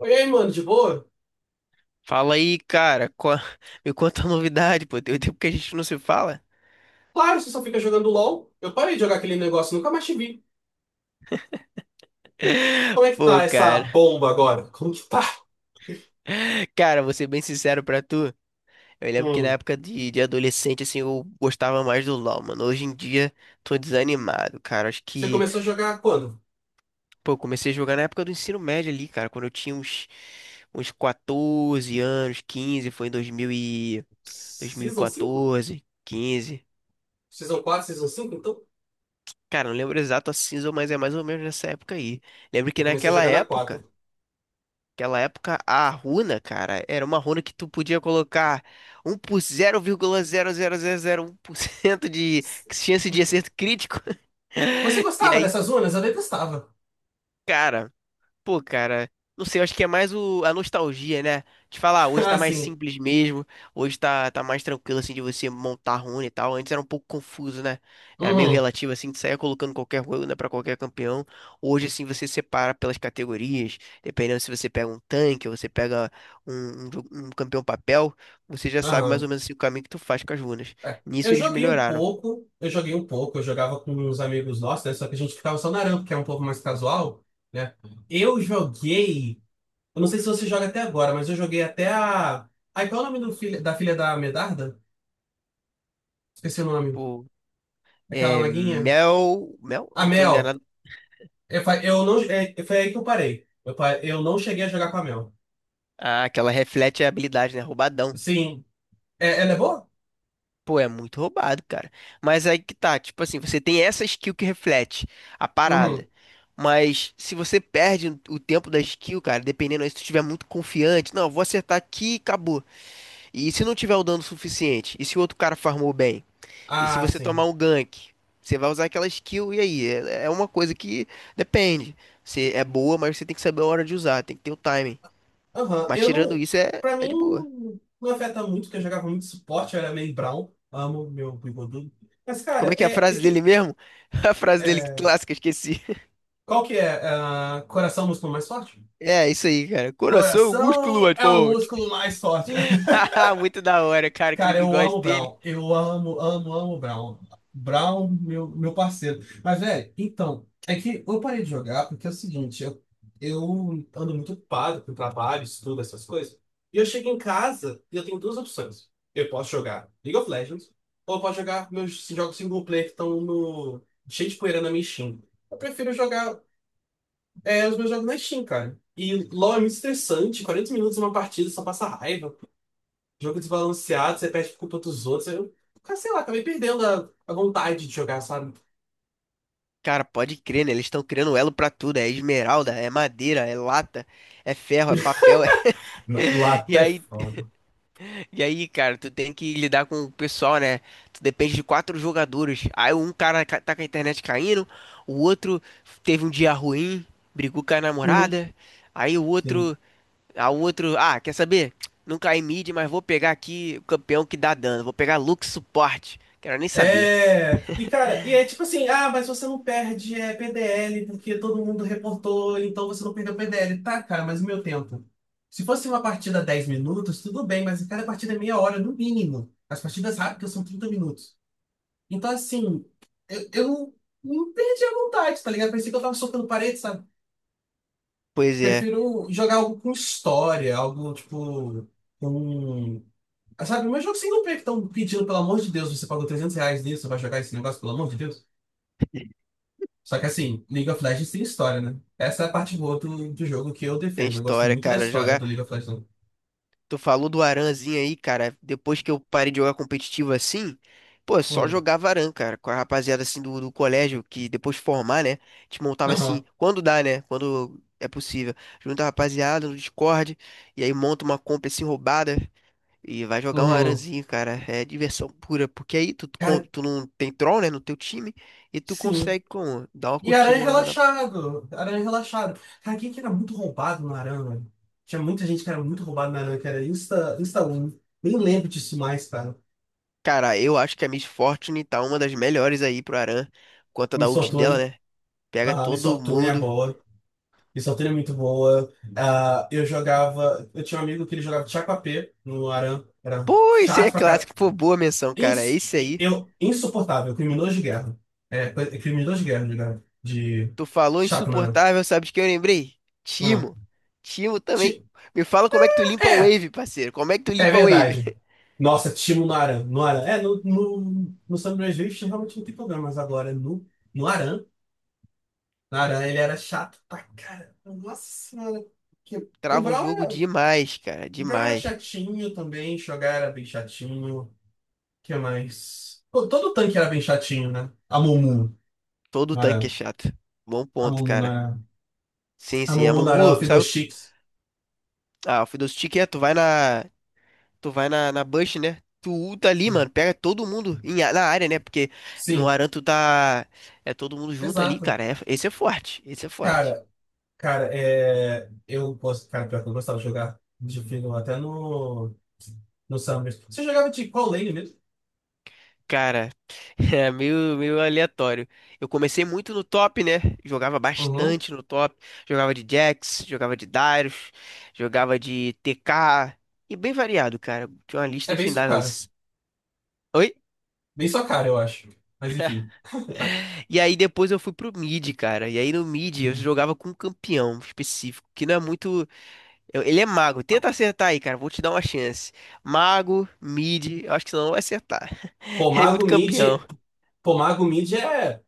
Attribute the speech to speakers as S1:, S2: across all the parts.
S1: E aí, mano, de boa?
S2: Fala aí, cara. Me conta a novidade, pô. Tem um tempo que a gente não se fala.
S1: Claro, você só fica jogando LOL. Eu parei de jogar aquele negócio, nunca mais te vi. Como é que
S2: Pô,
S1: tá essa
S2: cara.
S1: bomba agora? Como que tá?
S2: Cara, vou ser bem sincero pra tu. Eu lembro que na
S1: Hum.
S2: época de adolescente, assim, eu gostava mais do LoL, mano. Hoje em dia, tô desanimado, cara. Acho
S1: Você
S2: que,
S1: começou a jogar quando?
S2: pô, eu comecei a jogar na época do ensino médio ali, cara. Quando eu tinha uns 14 anos, 15 foi em dois mil e
S1: Season 5,
S2: quatorze quinze.
S1: Season 4, Season cinco então?
S2: Cara, não lembro exato a cinza, mas é mais ou menos nessa época aí. Lembro que
S1: Eu comecei a
S2: naquela
S1: jogar na
S2: época.
S1: quatro.
S2: Naquela época, a runa, cara, era uma runa que tu podia colocar um por 0,00001% de chance de acerto crítico.
S1: Você
S2: E
S1: gostava
S2: aí,
S1: dessas zonas? Eu detestava.
S2: cara, pô, cara, não sei, eu acho que é mais a nostalgia, né? De falar, ah, hoje tá
S1: Ah,
S2: mais
S1: sim.
S2: simples mesmo, hoje tá mais tranquilo, assim, de você montar rune e tal. Antes era um pouco confuso, né? Era meio
S1: Uhum.
S2: relativo, assim, de sair colocando qualquer runa pra qualquer campeão. Hoje, assim, você separa pelas categorias, dependendo se você pega um tanque ou você pega um campeão papel, você já sabe mais
S1: Aham.
S2: ou menos assim, o caminho que tu faz com as runas.
S1: É.
S2: Nisso
S1: Eu
S2: eles
S1: joguei um
S2: melhoraram.
S1: pouco, eu joguei um pouco, eu jogava com uns amigos nossos, né? Só que a gente ficava só na rampa, que é um pouco mais casual, né? Eu joguei. Eu não sei se você joga até agora, mas eu joguei até a. Ai, qual é o nome do filho, da filha da Medarda? Esqueci o nome.
S2: Pô,
S1: Aquela
S2: é,
S1: maguinha.
S2: Mel. Mel?
S1: A
S2: Eu tô
S1: Mel.
S2: enganado.
S1: Eu não, foi aí que eu parei. Eu não cheguei a jogar com a Mel.
S2: Ah, aquela reflete a habilidade, né? Roubadão.
S1: Sim. É, ela é boa?
S2: Pô, é muito roubado, cara. Mas aí que tá, tipo assim, você tem essa skill que reflete a parada.
S1: Uhum.
S2: Mas se você perde o tempo da skill, cara, dependendo aí, se tu estiver muito confiante, não, vou acertar aqui e acabou. E se não tiver o dano suficiente? E se o outro cara farmou bem? E se
S1: Ah,
S2: você tomar
S1: sim.
S2: um gank? Você vai usar aquela skill e aí? É, é uma coisa que depende. Você é boa, mas você tem que saber a hora de usar, tem que ter o timing.
S1: Aham.
S2: Mas
S1: Eu
S2: tirando
S1: não.
S2: isso, é,
S1: Pra
S2: é
S1: mim,
S2: de boa.
S1: não afeta muito, porque eu jogava muito suporte, eu era meio Brown. Amo meu bigodudo. Mas, cara,
S2: Como é que é a frase dele mesmo? A frase dele que
S1: é,
S2: clássica, esqueci.
S1: qual que é? Ah, coração, é o músculo mais forte?
S2: É, isso aí, cara. Coração, músculo,
S1: Coração
S2: mais
S1: é o
S2: forte.
S1: músculo mais forte.
S2: Muito da hora, cara, aquele
S1: Cara, eu amo
S2: bigode
S1: o
S2: dele.
S1: Brown. Eu amo, amo, amo o Brown. Brown, meu parceiro. Mas, velho, então, é que eu parei de jogar porque é o seguinte, eu ando muito ocupado com trabalho, estudo, essas coisas. E eu chego em casa e eu tenho duas opções. Eu posso jogar League of Legends ou eu posso jogar meus jogos single player que estão no, cheio de poeira na minha Steam. Eu prefiro jogar os meus jogos na Steam, cara. E LoL é muito estressante, 40 minutos em uma partida só passa raiva. Jogo desbalanceado, você perde por culpa dos outros. Eu, cara, sei lá, acabei perdendo a vontade de jogar, sabe?
S2: Cara, pode crer, né? Eles estão criando elo pra tudo. É esmeralda, é madeira, é lata, é ferro, é papel.
S1: Não,
S2: E
S1: Lata é
S2: aí,
S1: foda.
S2: e aí, cara, tu tem que lidar com o pessoal, né? Tu depende de quatro jogadores. Aí um cara tá com a internet caindo, o outro teve um dia ruim, brigou com a
S1: Uhum.
S2: namorada. Aí o
S1: Sim.
S2: outro. A outro, ah, quer saber? Não caí mid, mas vou pegar aqui o campeão que dá dano. Vou pegar Lux suporte. Quero nem saber.
S1: É, e cara, e é tipo assim, ah, mas você não perde PDL porque todo mundo reportou, então você não perdeu PDL. Tá, cara, mas e meu tempo? Se fosse uma partida 10 minutos, tudo bem, mas cada partida é meia hora, no mínimo. As partidas rápidas são 30 minutos. Então, assim, eu não perdi a vontade, tá ligado? Parecia que eu tava soltando parede, sabe?
S2: Pois é,
S1: Prefiro jogar algo com história, algo tipo com. Ah, sabe, mas jogo single player que estão pedindo, pelo amor de Deus, você pagou R$ 300 nisso, você vai jogar esse negócio, pelo amor de Deus. Só que assim, League of Legends tem história, né? Essa é a parte boa do jogo que eu
S2: tem
S1: defendo. Eu gosto
S2: história,
S1: muito da
S2: cara.
S1: história
S2: Jogar.
S1: do League of Legends.
S2: Tu falou do Aranzinho aí, cara. Depois que eu parei de jogar competitivo assim, pô, só
S1: Hum.
S2: jogava Aran, cara. Com a rapaziada assim do colégio, que depois de formar, né? A gente montava assim,
S1: Aham.
S2: quando dá, né? Quando é possível. Junta a rapaziada no Discord. E aí monta uma compra assim roubada. E vai jogar um
S1: Uhum.
S2: aranzinho, cara. É diversão pura. Porque aí tu,
S1: Cara,
S2: tu não tem troll, né, no teu time. E tu
S1: sim.
S2: consegue como? Dar uma
S1: E Aranha
S2: curtida.
S1: relaxado. Aranha relaxado. Cara, quem que era muito roubado no Aranha, velho? Tinha muita gente que era muito roubado no Aranha, que era Insta, Insta 1. Nem lembro disso mais, cara.
S2: Cara, eu acho que a Miss Fortune tá uma das melhores aí pro Aran. Conta da
S1: Miss
S2: ult dela,
S1: Otone.
S2: né? Pega
S1: Ah, Miss
S2: todo
S1: Fortune é
S2: mundo.
S1: boa. Miss Fortune é muito boa. Ah, eu jogava. Eu tinha um amigo que ele jogava Tchakwapê no Aran. Era
S2: Pô, isso aí é
S1: chato pra caralho.
S2: clássico. Pô, boa menção, cara. É isso aí.
S1: Insuportável. Criminoso de guerra. É criminoso de guerra, guerra, de
S2: Tu falou
S1: chato no Aran.
S2: insuportável, sabe de quem eu lembrei?
S1: Ah,
S2: Timo. Timo também.
S1: ti-
S2: Me fala como é que tu limpa o
S1: é,
S2: wave, parceiro. Como é que tu
S1: é
S2: limpa o wave?
S1: verdade. Nossa, Timo no Aran. No Aran. É, no San Andreas Rift realmente não tem problema, mas agora no Aran. No Aran ele era chato pra caramba. Nossa senhora. Que- O
S2: Trava o
S1: Brown
S2: jogo
S1: era.
S2: demais, cara.
S1: Brown era
S2: Demais.
S1: chatinho também, Shogar era bem chatinho. O que mais? Pô, todo tanque era bem chatinho, né? A Mumu
S2: Todo
S1: não
S2: tanque é
S1: era.
S2: chato. Bom
S1: A
S2: ponto,
S1: Mumu não
S2: cara.
S1: era.
S2: Sim,
S1: A
S2: sim. A
S1: Mumu não era
S2: Mumu, sabe?
S1: Fiddlesticks.
S2: Ah, o Fiddlestick é, tu vai na. Tu vai na Bush, né? Tu ulta ali,
S1: Hum.
S2: mano. Pega todo mundo na área, né? Porque no
S1: Sim,
S2: Aran tu tá. É todo mundo junto ali,
S1: exato.
S2: cara. Esse é forte. Esse é forte.
S1: Cara, cara, é. Eu posso. Cara, pior que eu gostava de jogar de Fiddle até no Summer. Você jogava de qual lane mesmo?
S2: Cara, é meio aleatório. Eu comecei muito no top, né? Jogava
S1: Uhum.
S2: bastante no top. Jogava de Jax, jogava de Darius, jogava de TK. E bem variado, cara. Tinha uma lista
S1: É bem sua
S2: infindável
S1: cara.
S2: isso. Oi?
S1: Bem sua cara, eu acho. Mas enfim.
S2: E aí depois eu fui pro mid, cara. E aí no mid eu jogava com um campeão específico, que não é muito. Ele é mago. Tenta acertar aí, cara. Vou te dar uma chance. Mago, mid, eu acho que você não vai acertar.
S1: Pô,
S2: Ele é muito
S1: Mago
S2: campeão.
S1: Mid. Pô, Mago Mid é.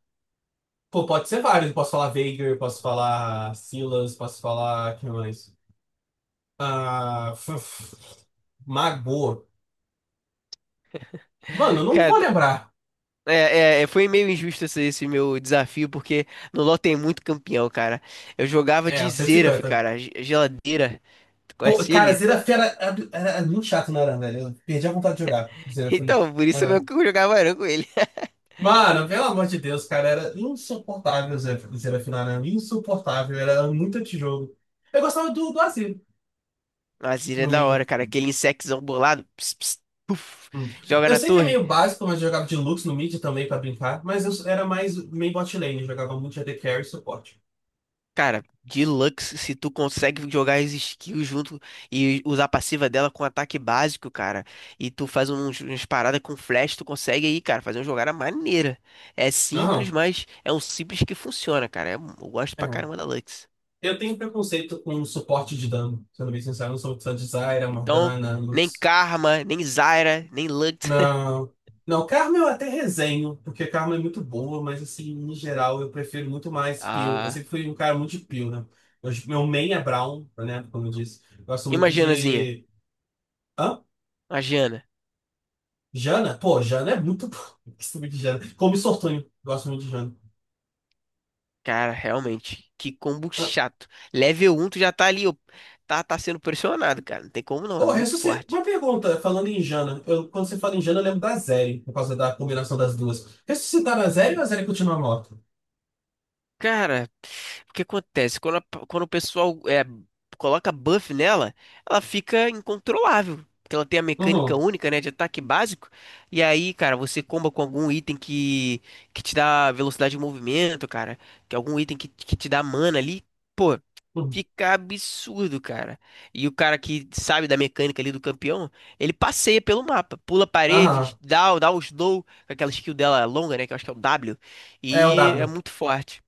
S1: Pô, pode ser vários. Eu posso falar Veigar, posso falar Silas, posso falar. Quem mais? Ah, f- f- Magô. Mano, eu não vou
S2: Cara,
S1: lembrar.
S2: foi meio injusto esse meu desafio, porque no LoL tem muito campeão, cara. Eu jogava
S1: É,
S2: de
S1: o cento e
S2: Xerath,
S1: cinquenta
S2: cara. Geladeira. Tu
S1: Pô,
S2: conhece
S1: cara,
S2: ele?
S1: Zerafera era muito chato, não era, velho? Eu perdi a vontade de jogar. Zerafim.
S2: Então, por isso mesmo
S1: Mano,
S2: que eu jogava Aran com ele.
S1: mano, pelo amor de Deus, cara, era insuportável Zerafim, era insuportável, era muito antijogo. Eu gostava do Azir,
S2: Mas ele é
S1: no
S2: da
S1: meio.
S2: hora, cara. Aquele insectzão bolado. Ps, ps, puf,
S1: Hum.
S2: joga
S1: Eu
S2: na
S1: sei que é
S2: torre.
S1: meio básico, mas eu jogava de Lux no mid também pra brincar, mas eu era mais meio bot lane, eu jogava muito AD Carry e suporte.
S2: Cara, Deluxe, se tu consegue jogar as skills junto e usar a passiva dela com ataque básico, cara, e tu faz umas paradas com flash, tu consegue aí, cara, fazer uma jogada maneira. É
S1: Aham.
S2: simples, mas é um simples que funciona, cara. Eu gosto pra caramba
S1: É.
S2: da Lux.
S1: Eu tenho preconceito com suporte de dano, sendo bem sincero, eu não sou muito fã de Zyra,
S2: Então,
S1: Morgana,
S2: nem
S1: Lux.
S2: Karma, nem Zyra, nem Lux.
S1: Não. Não, Carmen eu até resenho, porque Carmen é muito boa, mas assim, em geral, eu prefiro muito mais Peel. Eu
S2: Ah,
S1: sempre fui um cara muito de Peel, né? Meu main é Brown, né? Como eu disse. Eu gosto muito
S2: imaginazinha.
S1: de. Hã?
S2: Imagina.
S1: Jana? Pô, Jana é muito boa. Eu gosto muito de Jana. Como Sortunho, gosto muito de Jana.
S2: Cara, realmente, que combo
S1: Hã?
S2: chato. Level um tu já tá ali, ó, tá sendo pressionado, cara. Não tem como não, é
S1: Ô,
S2: muito forte.
S1: Uma pergunta, falando em Jana. Quando você fala em Jana, eu lembro da Zeri, por causa da combinação das duas. Ressuscitar a Zeri ou a Zeri continua morta?
S2: Cara, o que acontece? Quando, quando o pessoal coloca buff nela, ela fica incontrolável. Porque ela tem a mecânica
S1: Uhum.
S2: única, né, de ataque básico. E aí, cara, você comba com algum item que te dá velocidade de movimento, cara. Que algum item que te dá mana ali. Pô,
S1: Uhum.
S2: fica absurdo, cara. E o cara que sabe da mecânica ali do campeão, ele passeia pelo mapa. Pula paredes,
S1: Aham.
S2: dá o slow, com aquela skill dela longa, né, que eu acho que é o W.
S1: É o
S2: E é
S1: W.
S2: muito forte.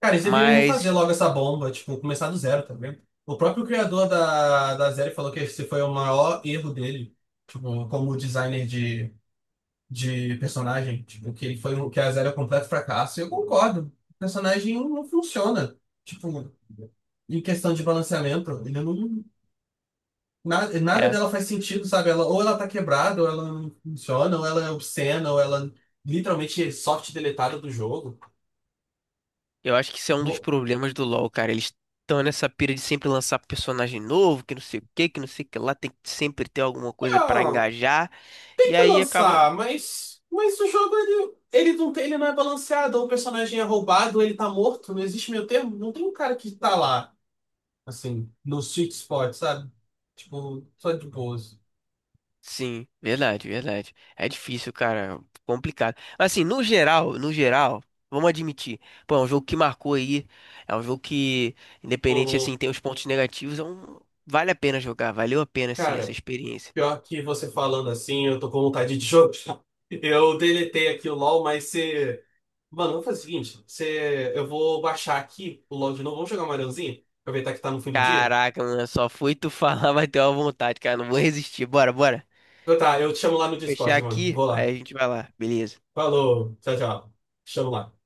S1: Cara, eles deveriam refazer
S2: Mas,
S1: logo essa bomba, tipo, começar do zero, tá vendo? O próprio criador da série falou que esse foi o maior erro dele, tipo, como designer de personagem, tipo, que ele foi um, que a série é um completo fracasso. E eu concordo. O personagem não funciona, tipo, em questão de balanceamento, ele não. Nada
S2: é,
S1: dela faz sentido, sabe? Ela, ou ela tá quebrada, ou ela não funciona, ou ela é obscena, ou ela literalmente é soft deletada do jogo.
S2: eu acho que isso é um dos
S1: Bo-
S2: problemas do LoL, cara. Eles estão nessa pira de sempre lançar personagem novo, que não sei o que, que não sei o que lá, tem que sempre ter alguma coisa pra engajar,
S1: Tem
S2: e
S1: que
S2: aí acaba.
S1: lançar, mas, o jogo ele não tem, ele não é balanceado, ou o personagem é roubado, ou ele tá morto, não existe meio termo, não tem um cara que tá lá, assim, no sweet spot, sabe? Tipo, só de boas.
S2: Sim, verdade, verdade. É difícil, cara, complicado. Mas assim, no geral, no geral, vamos admitir, pô, é um jogo que marcou aí, é um jogo que, independente
S1: Uhum.
S2: assim, tem os pontos negativos, é um... vale a pena jogar, valeu a pena, assim, essa
S1: Cara,
S2: experiência.
S1: pior que você falando assim, eu tô com vontade de jogar. Eu deletei aqui o LoL, mas você. Mano, eu fazer o seguinte: você, eu vou baixar aqui o LoL de novo, vamos jogar um Marãozinho? Aproveitar que tá no fim do dia?
S2: Caraca, mano, só fui tu falar, vai ter uma vontade, cara. Não vou resistir. Bora, bora.
S1: Então tá, eu te chamo lá no
S2: Vou fechar
S1: Discord, mano.
S2: aqui,
S1: Vou
S2: aí
S1: lá.
S2: a gente vai lá. Beleza.
S1: Falou, tchau, tchau. Chama lá.